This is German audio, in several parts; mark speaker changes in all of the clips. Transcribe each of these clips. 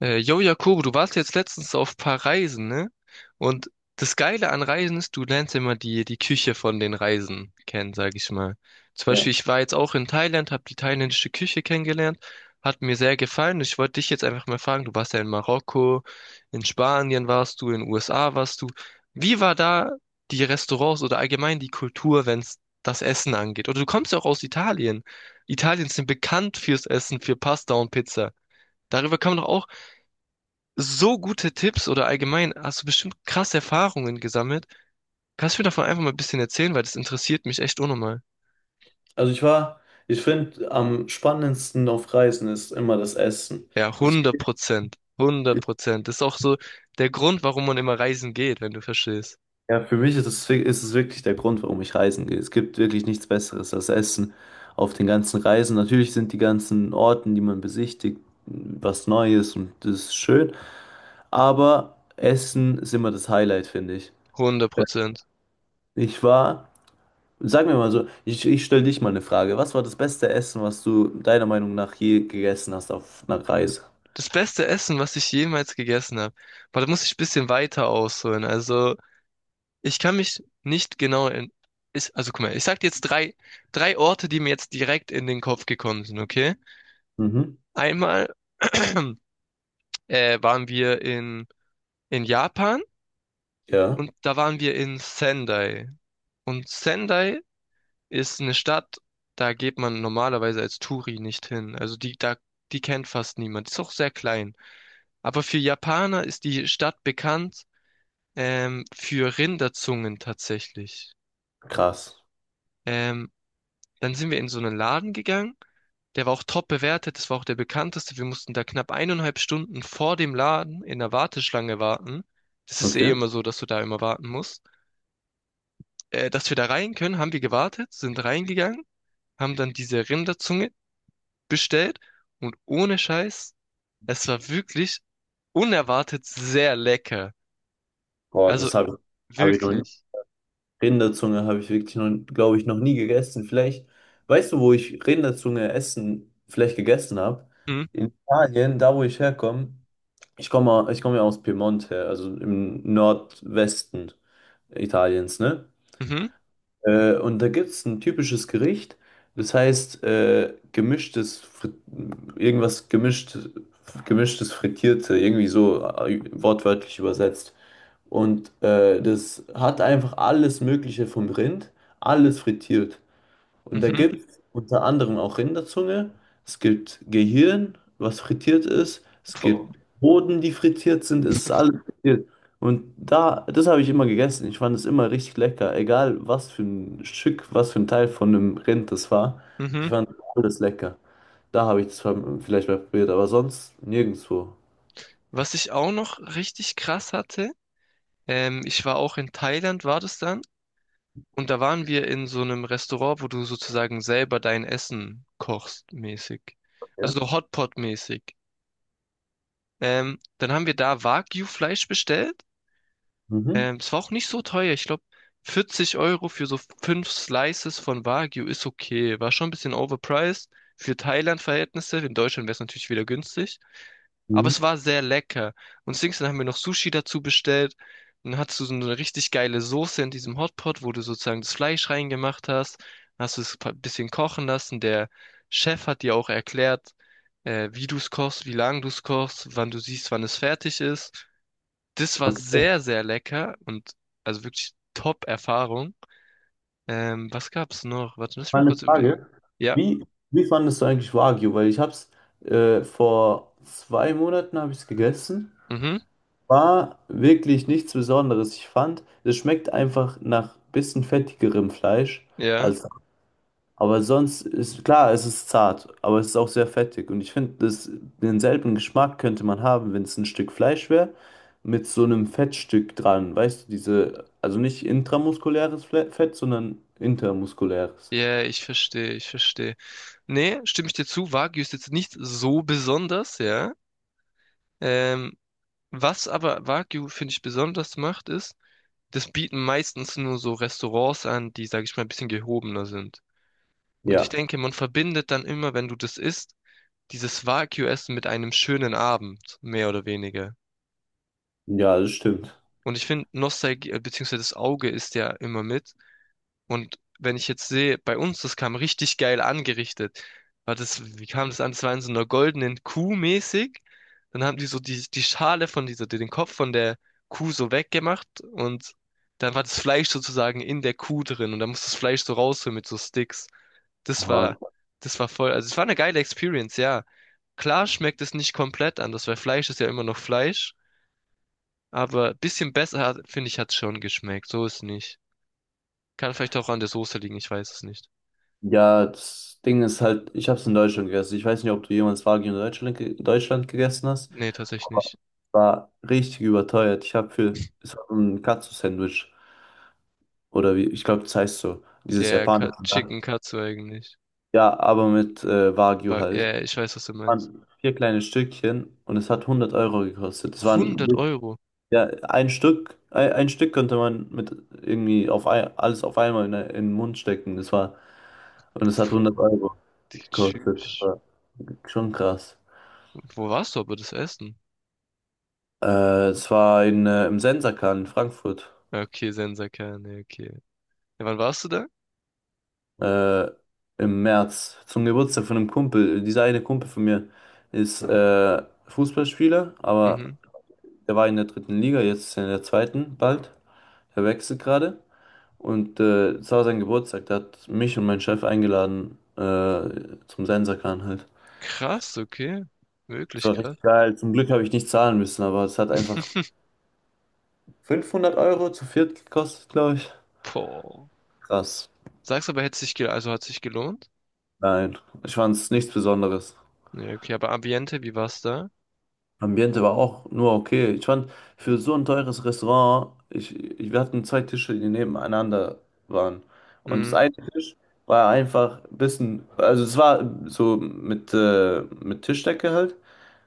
Speaker 1: Yo, Jakobo, du warst jetzt letztens auf ein paar Reisen, ne? Und das Geile an Reisen ist, du lernst ja immer die Küche von den Reisen kennen, sag ich mal. Zum Beispiel,
Speaker 2: Ja.
Speaker 1: ich war jetzt auch in Thailand, habe die thailändische Küche kennengelernt, hat mir sehr gefallen. Ich wollte dich jetzt einfach mal fragen, du warst ja in Marokko, in Spanien warst du, in den USA warst du. Wie war da die Restaurants oder allgemein die Kultur, wenn es das Essen angeht? Oder du kommst ja auch aus Italien. Italien sind bekannt fürs Essen, für Pasta und Pizza. Darüber kann man doch auch so gute Tipps oder allgemein hast du bestimmt krasse Erfahrungen gesammelt. Kannst du mir davon einfach mal ein bisschen erzählen, weil das interessiert mich echt unnormal.
Speaker 2: Also ich war, Ich finde, am spannendsten auf Reisen ist immer das Essen.
Speaker 1: Ja,
Speaker 2: Ich,
Speaker 1: 100%. 100%. Das ist auch so der Grund, warum man immer reisen geht, wenn du verstehst.
Speaker 2: ja, für mich ist es wirklich der Grund, warum ich reisen gehe. Es gibt wirklich nichts Besseres als Essen auf den ganzen Reisen. Natürlich sind die ganzen Orten, die man besichtigt, was Neues und das ist schön. Aber Essen ist immer das Highlight, finde ich.
Speaker 1: hundert
Speaker 2: Ja.
Speaker 1: Prozent.
Speaker 2: Ich war, Sag mir mal so, ich stelle dich mal eine Frage. Was war das beste Essen, was du deiner Meinung nach je gegessen hast auf einer Reise?
Speaker 1: Das beste Essen, was ich jemals gegessen habe. Aber da muss ich ein bisschen weiter ausholen. Also, ich kann mich nicht genau in, ich, also guck mal, ich sag dir jetzt drei Orte, die mir jetzt direkt in den Kopf gekommen sind, okay?
Speaker 2: Mhm.
Speaker 1: Einmal waren wir in Japan
Speaker 2: Ja.
Speaker 1: und da waren wir in Sendai. Und Sendai ist eine Stadt, da geht man normalerweise als Touri nicht hin. Also die kennt fast niemand. Ist auch sehr klein. Aber für Japaner ist die Stadt bekannt für Rinderzungen tatsächlich.
Speaker 2: Krass.
Speaker 1: Ähm, Dann sind wir in so einen Laden gegangen. Der war auch top bewertet. Das war auch der bekannteste. Wir mussten da knapp eineinhalb Stunden vor dem Laden in der Warteschlange warten. Das ist eh
Speaker 2: Okay.
Speaker 1: immer so, dass du da immer warten musst. Dass wir da rein können, haben wir gewartet, sind reingegangen, haben dann diese Rinderzunge bestellt und ohne Scheiß, es war wirklich unerwartet sehr lecker.
Speaker 2: Boah,
Speaker 1: Also
Speaker 2: hab ich noch nie.
Speaker 1: wirklich.
Speaker 2: Rinderzunge habe ich wirklich noch, glaube ich, noch nie gegessen. Vielleicht, weißt du, wo ich Rinderzunge vielleicht gegessen habe?
Speaker 1: Mhm,
Speaker 2: In Italien, da wo ich herkomme. Ich komme ja aus Piemont her, also im Nordwesten Italiens, ne?
Speaker 1: mhm,
Speaker 2: Und da gibt es ein typisches Gericht, das heißt gemischtes, irgendwas gemischt, gemischtes Frittierte, irgendwie so wortwörtlich übersetzt. Und das hat einfach alles Mögliche vom Rind, alles frittiert. Und da
Speaker 1: mhm,
Speaker 2: gibt es unter anderem auch Rinderzunge, es gibt Gehirn, was frittiert ist, es
Speaker 1: boah,
Speaker 2: gibt Hoden, die frittiert sind, es ist alles frittiert. Und da, das habe ich immer gegessen. Ich fand es immer richtig lecker, egal was für ein Stück, was für ein Teil von einem Rind das war. Ich
Speaker 1: mhm.
Speaker 2: fand alles lecker. Da habe ich es vielleicht mal probiert, aber sonst nirgendwo.
Speaker 1: Was ich auch noch richtig krass hatte, ich war auch in Thailand, war das dann, und da waren wir in so einem Restaurant, wo du sozusagen selber dein Essen kochst, mäßig.
Speaker 2: Ja.
Speaker 1: Also so Hotpot-mäßig. Dann haben wir da Wagyu-Fleisch bestellt.
Speaker 2: Mhm.
Speaker 1: Es war auch nicht so teuer. Ich glaube, 40 Euro für so fünf Slices von Wagyu ist okay. War schon ein bisschen overpriced für Thailand-Verhältnisse. In Deutschland wäre es natürlich wieder günstig. Aber
Speaker 2: Mhm.
Speaker 1: es war sehr lecker. Und Dings, dann haben wir noch Sushi dazu bestellt. Dann hattest du so eine richtig geile Soße in diesem Hotpot, wo du sozusagen das Fleisch reingemacht hast. Dann hast du es ein bisschen kochen lassen. Der Chef hat dir auch erklärt, wie du es kochst, wie lange du es kochst, wann du siehst, wann es fertig ist. Das war
Speaker 2: Okay.
Speaker 1: sehr, sehr lecker und also wirklich Top-Erfahrung. Was gab's noch? Warte, lass mich
Speaker 2: Mal
Speaker 1: mal
Speaker 2: eine
Speaker 1: kurz
Speaker 2: Frage.
Speaker 1: überlegen. Ja,
Speaker 2: Wie, Wie fandest du eigentlich Wagyu? Weil ich habe es vor 2 Monaten habe ich es gegessen.
Speaker 1: mhm,
Speaker 2: War wirklich nichts Besonderes. Ich fand, es schmeckt einfach nach bisschen fettigerem Fleisch
Speaker 1: ja.
Speaker 2: als. Aber sonst ist klar, es ist zart, aber es ist auch sehr fettig. Und ich finde, denselben Geschmack könnte man haben, wenn es ein Stück Fleisch wäre, mit so einem Fettstück dran. Weißt du, diese, also nicht intramuskuläres Fett, sondern intermuskuläres.
Speaker 1: Ja, ich verstehe, ich verstehe. Nee, stimme ich dir zu, Wagyu ist jetzt nicht so besonders, ja. Ähm, Was aber Wagyu, finde ich, besonders macht, ist, das bieten meistens nur so Restaurants an, die, sage ich mal, ein bisschen gehobener sind. Und ich
Speaker 2: Ja,
Speaker 1: denke, man verbindet dann immer, wenn du das isst, dieses Wagyu-Essen mit einem schönen Abend, mehr oder weniger.
Speaker 2: ja, das stimmt.
Speaker 1: Und ich finde, Nostalgie, beziehungsweise das Auge ist ja immer mit. Und wenn ich jetzt sehe, bei uns, das kam richtig geil angerichtet. War das, wie kam das an? Das war in so einer goldenen Kuh mäßig. Dann haben die so die Schale von dieser, den Kopf von der Kuh so weggemacht und dann war das Fleisch sozusagen in der Kuh drin und dann musste das Fleisch so rausholen mit so Sticks. Das war, das war voll, also es war eine geile Experience, ja. Klar schmeckt es nicht komplett anders, weil Fleisch ist ja immer noch Fleisch. Aber bisschen besser, finde ich, hat's schon geschmeckt. So ist nicht. Kann vielleicht auch an der Soße liegen, ich weiß es nicht.
Speaker 2: Ja, das Ding ist halt, ich habe es in Deutschland gegessen. Ich weiß nicht, ob du jemals Wagyu in Deutschland gegessen hast,
Speaker 1: Nee, tatsächlich
Speaker 2: aber
Speaker 1: nicht.
Speaker 2: es war richtig überteuert. Es war so ein Katsu-Sandwich oder wie, ich glaube, das heißt so,
Speaker 1: Ja,
Speaker 2: dieses
Speaker 1: ja,
Speaker 2: japanische. Da.
Speaker 1: Chicken Katsu eigentlich.
Speaker 2: Ja, aber mit Wagyu
Speaker 1: Aber, ja,
Speaker 2: halt.
Speaker 1: ja, ich weiß, was du meinst.
Speaker 2: Waren vier kleine Stückchen und es hat 100 € gekostet.
Speaker 1: 100 Euro.
Speaker 2: Ja, ein Stück, ein Stück konnte man mit irgendwie auf ein, alles auf einmal in den Mund stecken. Das war. Und es hat 100 € gekostet. Das
Speaker 1: Tschüss.
Speaker 2: war schon krass.
Speaker 1: Wo warst du aber das Essen?
Speaker 2: Es war im Sensakan in Frankfurt.
Speaker 1: Ja, okay, Sensaker, nee, okay. Ja, wann warst du da?
Speaker 2: Äh, Im März. Zum Geburtstag von einem Kumpel. Dieser eine Kumpel von mir ist Fußballspieler, aber
Speaker 1: Mhm.
Speaker 2: der war in der dritten Liga, jetzt ist er in der zweiten bald. Er wechselt gerade. Und es war sein Geburtstag. Da hat mich und meinen Chef eingeladen zum Sensakan halt.
Speaker 1: Krass, okay.
Speaker 2: Es
Speaker 1: Wirklich
Speaker 2: war
Speaker 1: krass.
Speaker 2: richtig geil. Zum Glück habe ich nicht zahlen müssen, aber es hat einfach 500 € zu viert kostet, glaube ich.
Speaker 1: Boah.
Speaker 2: Krass.
Speaker 1: Sagst aber, hätte sich gel also hat sich gelohnt?
Speaker 2: Nein, ich fand es nichts Besonderes.
Speaker 1: Ja, okay, aber Ambiente, wie war's da?
Speaker 2: Ambiente war auch nur okay. Ich fand für so ein teures Restaurant, wir hatten zwei Tische, die nebeneinander waren. Und das
Speaker 1: Mhm.
Speaker 2: eine Tisch war einfach ein bisschen, also es war so mit Tischdecke halt,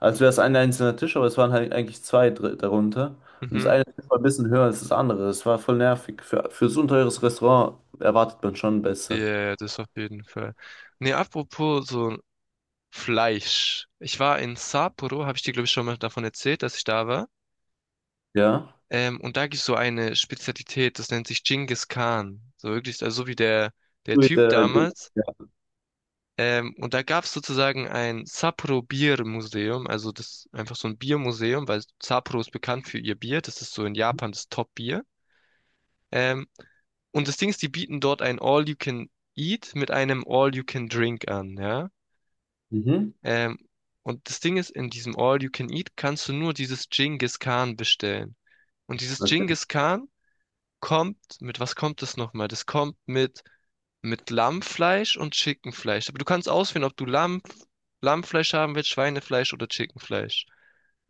Speaker 2: als wäre es ein einzelner Tisch, aber es waren halt eigentlich zwei darunter. Und das
Speaker 1: Mhm.
Speaker 2: eine Tisch war ein bisschen höher als das andere. Es war voll nervig. Für so ein teures Restaurant erwartet man schon besser.
Speaker 1: Ja, das auf jeden Fall. Nee, apropos so Fleisch. Ich war in Sapporo, habe ich dir, glaube ich, schon mal davon erzählt, dass ich da war.
Speaker 2: Ja.
Speaker 1: Und da gibt es so eine Spezialität, das nennt sich Genghis Khan. So wirklich, also so wie der
Speaker 2: Mit,
Speaker 1: Typ
Speaker 2: äh, die-
Speaker 1: damals.
Speaker 2: ja.
Speaker 1: Und da gab es sozusagen ein Sapporo Bier Museum, also das einfach so ein Biermuseum, weil Sapporo ist bekannt für ihr Bier. Das ist so in Japan das Top-Bier. Ähm, und das Ding ist, die bieten dort ein All-You-Can-Eat mit einem All-You-Can-Drink an, ja.
Speaker 2: Mhm.
Speaker 1: Ähm, und das Ding ist, in diesem All You Can Eat kannst du nur dieses Genghis Khan bestellen. Und dieses
Speaker 2: Okay,
Speaker 1: Genghis Khan kommt, mit was kommt das nochmal? Das kommt mit Lammfleisch und Chickenfleisch. Aber du kannst auswählen, ob du Lammfleisch haben willst, Schweinefleisch oder Chickenfleisch.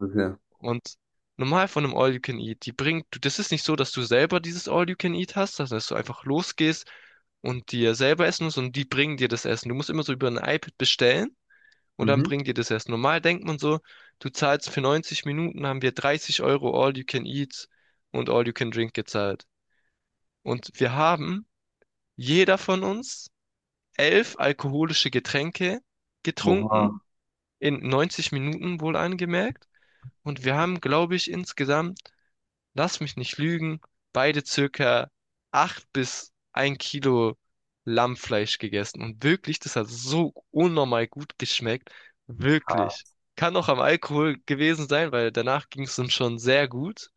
Speaker 2: okay.
Speaker 1: Und normal von einem All You Can Eat, die bringt, das ist nicht so, dass du selber dieses All You Can Eat hast, sondern dass du einfach losgehst und dir selber essen musst und die bringen dir das Essen. Du musst immer so über ein iPad bestellen und dann
Speaker 2: Mhm.
Speaker 1: bringt ihr das erst. Normal denkt man so, du zahlst für 90 Minuten, haben wir 30 Euro All You Can Eat und All You Can Drink gezahlt. Und wir haben, jeder von uns, 11 alkoholische Getränke
Speaker 2: Oha.
Speaker 1: getrunken, in 90 Minuten wohl angemerkt. Und wir haben, glaube ich, insgesamt lass mich nicht lügen, beide circa acht bis ein Kilo Lammfleisch gegessen. Und wirklich, das hat so unnormal gut geschmeckt. Wirklich. Kann auch am Alkohol gewesen sein, weil danach ging es uns schon sehr gut.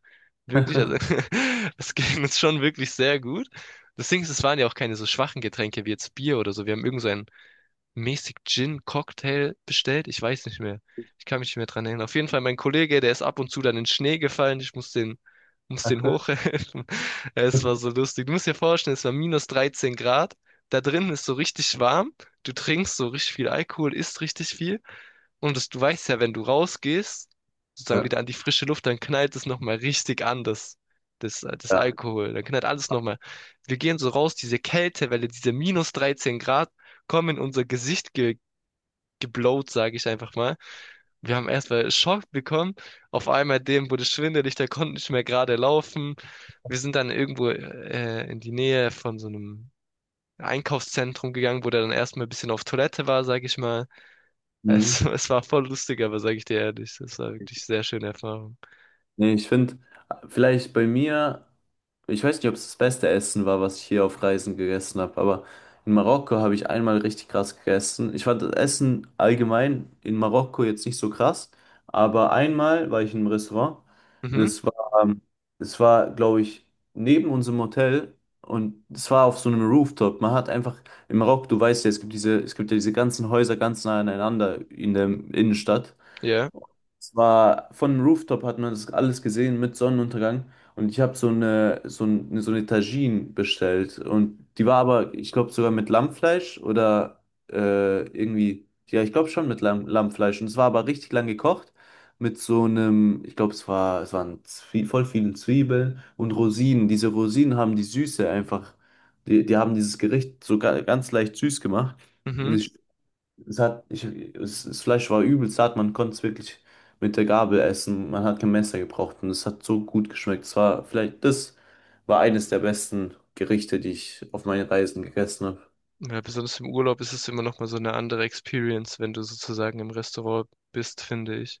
Speaker 1: Wirklich, also es ging uns schon wirklich sehr gut. Das Ding ist, es waren ja auch keine so schwachen Getränke wie jetzt Bier oder so. Wir haben irgend so ein mäßig Gin-Cocktail bestellt. Ich weiß nicht mehr. Ich kann mich nicht mehr dran erinnern. Auf jeden Fall mein Kollege, der ist ab und zu dann in den Schnee gefallen. Ich muss den hochhelfen. Es war so lustig. Du musst dir vorstellen, es war minus 13 Grad. Da drin ist so richtig warm. Du trinkst so richtig viel Alkohol, isst richtig viel. Und das, du weißt ja, wenn du rausgehst, sozusagen
Speaker 2: Ja.
Speaker 1: wieder an die frische Luft, dann knallt es nochmal richtig an, das
Speaker 2: Ja.
Speaker 1: Alkohol. Dann knallt alles nochmal. Wir gehen so raus, diese Kältewelle, diese minus 13 Grad kommen in unser Gesicht ge geblowt, sage ich einfach mal. Wir haben erstmal Schock bekommen. Auf einmal dem wurde schwindelig, der konnte nicht mehr gerade laufen. Wir sind dann irgendwo in die Nähe von so einem Einkaufszentrum gegangen, wo der dann erstmal ein bisschen auf Toilette war, sage ich mal.
Speaker 2: Mhm.
Speaker 1: Es war voll lustig, aber sage ich dir ehrlich, das war wirklich sehr schöne Erfahrung.
Speaker 2: Nee, ich finde, vielleicht bei mir, ich weiß nicht, ob es das beste Essen war, was ich hier auf Reisen gegessen habe, aber in Marokko habe ich einmal richtig krass gegessen. Ich fand das Essen allgemein in Marokko jetzt nicht so krass, aber einmal war ich in einem Restaurant.
Speaker 1: Mhm,
Speaker 2: Das war, ähm, das war, glaube ich, neben unserem Hotel und es war auf so einem Rooftop. Man hat einfach in Marokko, du weißt ja, es gibt diese, es gibt ja diese ganzen Häuser ganz nah aneinander in der Innenstadt.
Speaker 1: ja,
Speaker 2: Es war von dem Rooftop hat man das alles gesehen mit Sonnenuntergang und ich habe so eine Tagine bestellt und die war aber ich glaube sogar mit Lammfleisch oder irgendwie ja ich glaube schon mit Lammfleisch und es war aber richtig lang gekocht mit so einem ich glaube es waren Zwie voll viele Zwiebeln und Rosinen, diese Rosinen haben die Süße einfach die haben dieses Gericht sogar ganz leicht süß gemacht.
Speaker 1: mhm.
Speaker 2: Es hat, ich, es, Das Fleisch war übelst hart, man konnte es wirklich mit der Gabel essen. Man hat kein Messer gebraucht und es hat so gut geschmeckt. Das war eines der besten Gerichte, die ich auf meinen Reisen gegessen habe.
Speaker 1: Ja, besonders im Urlaub ist es immer noch mal so eine andere Experience, wenn du sozusagen im Restaurant bist, finde ich.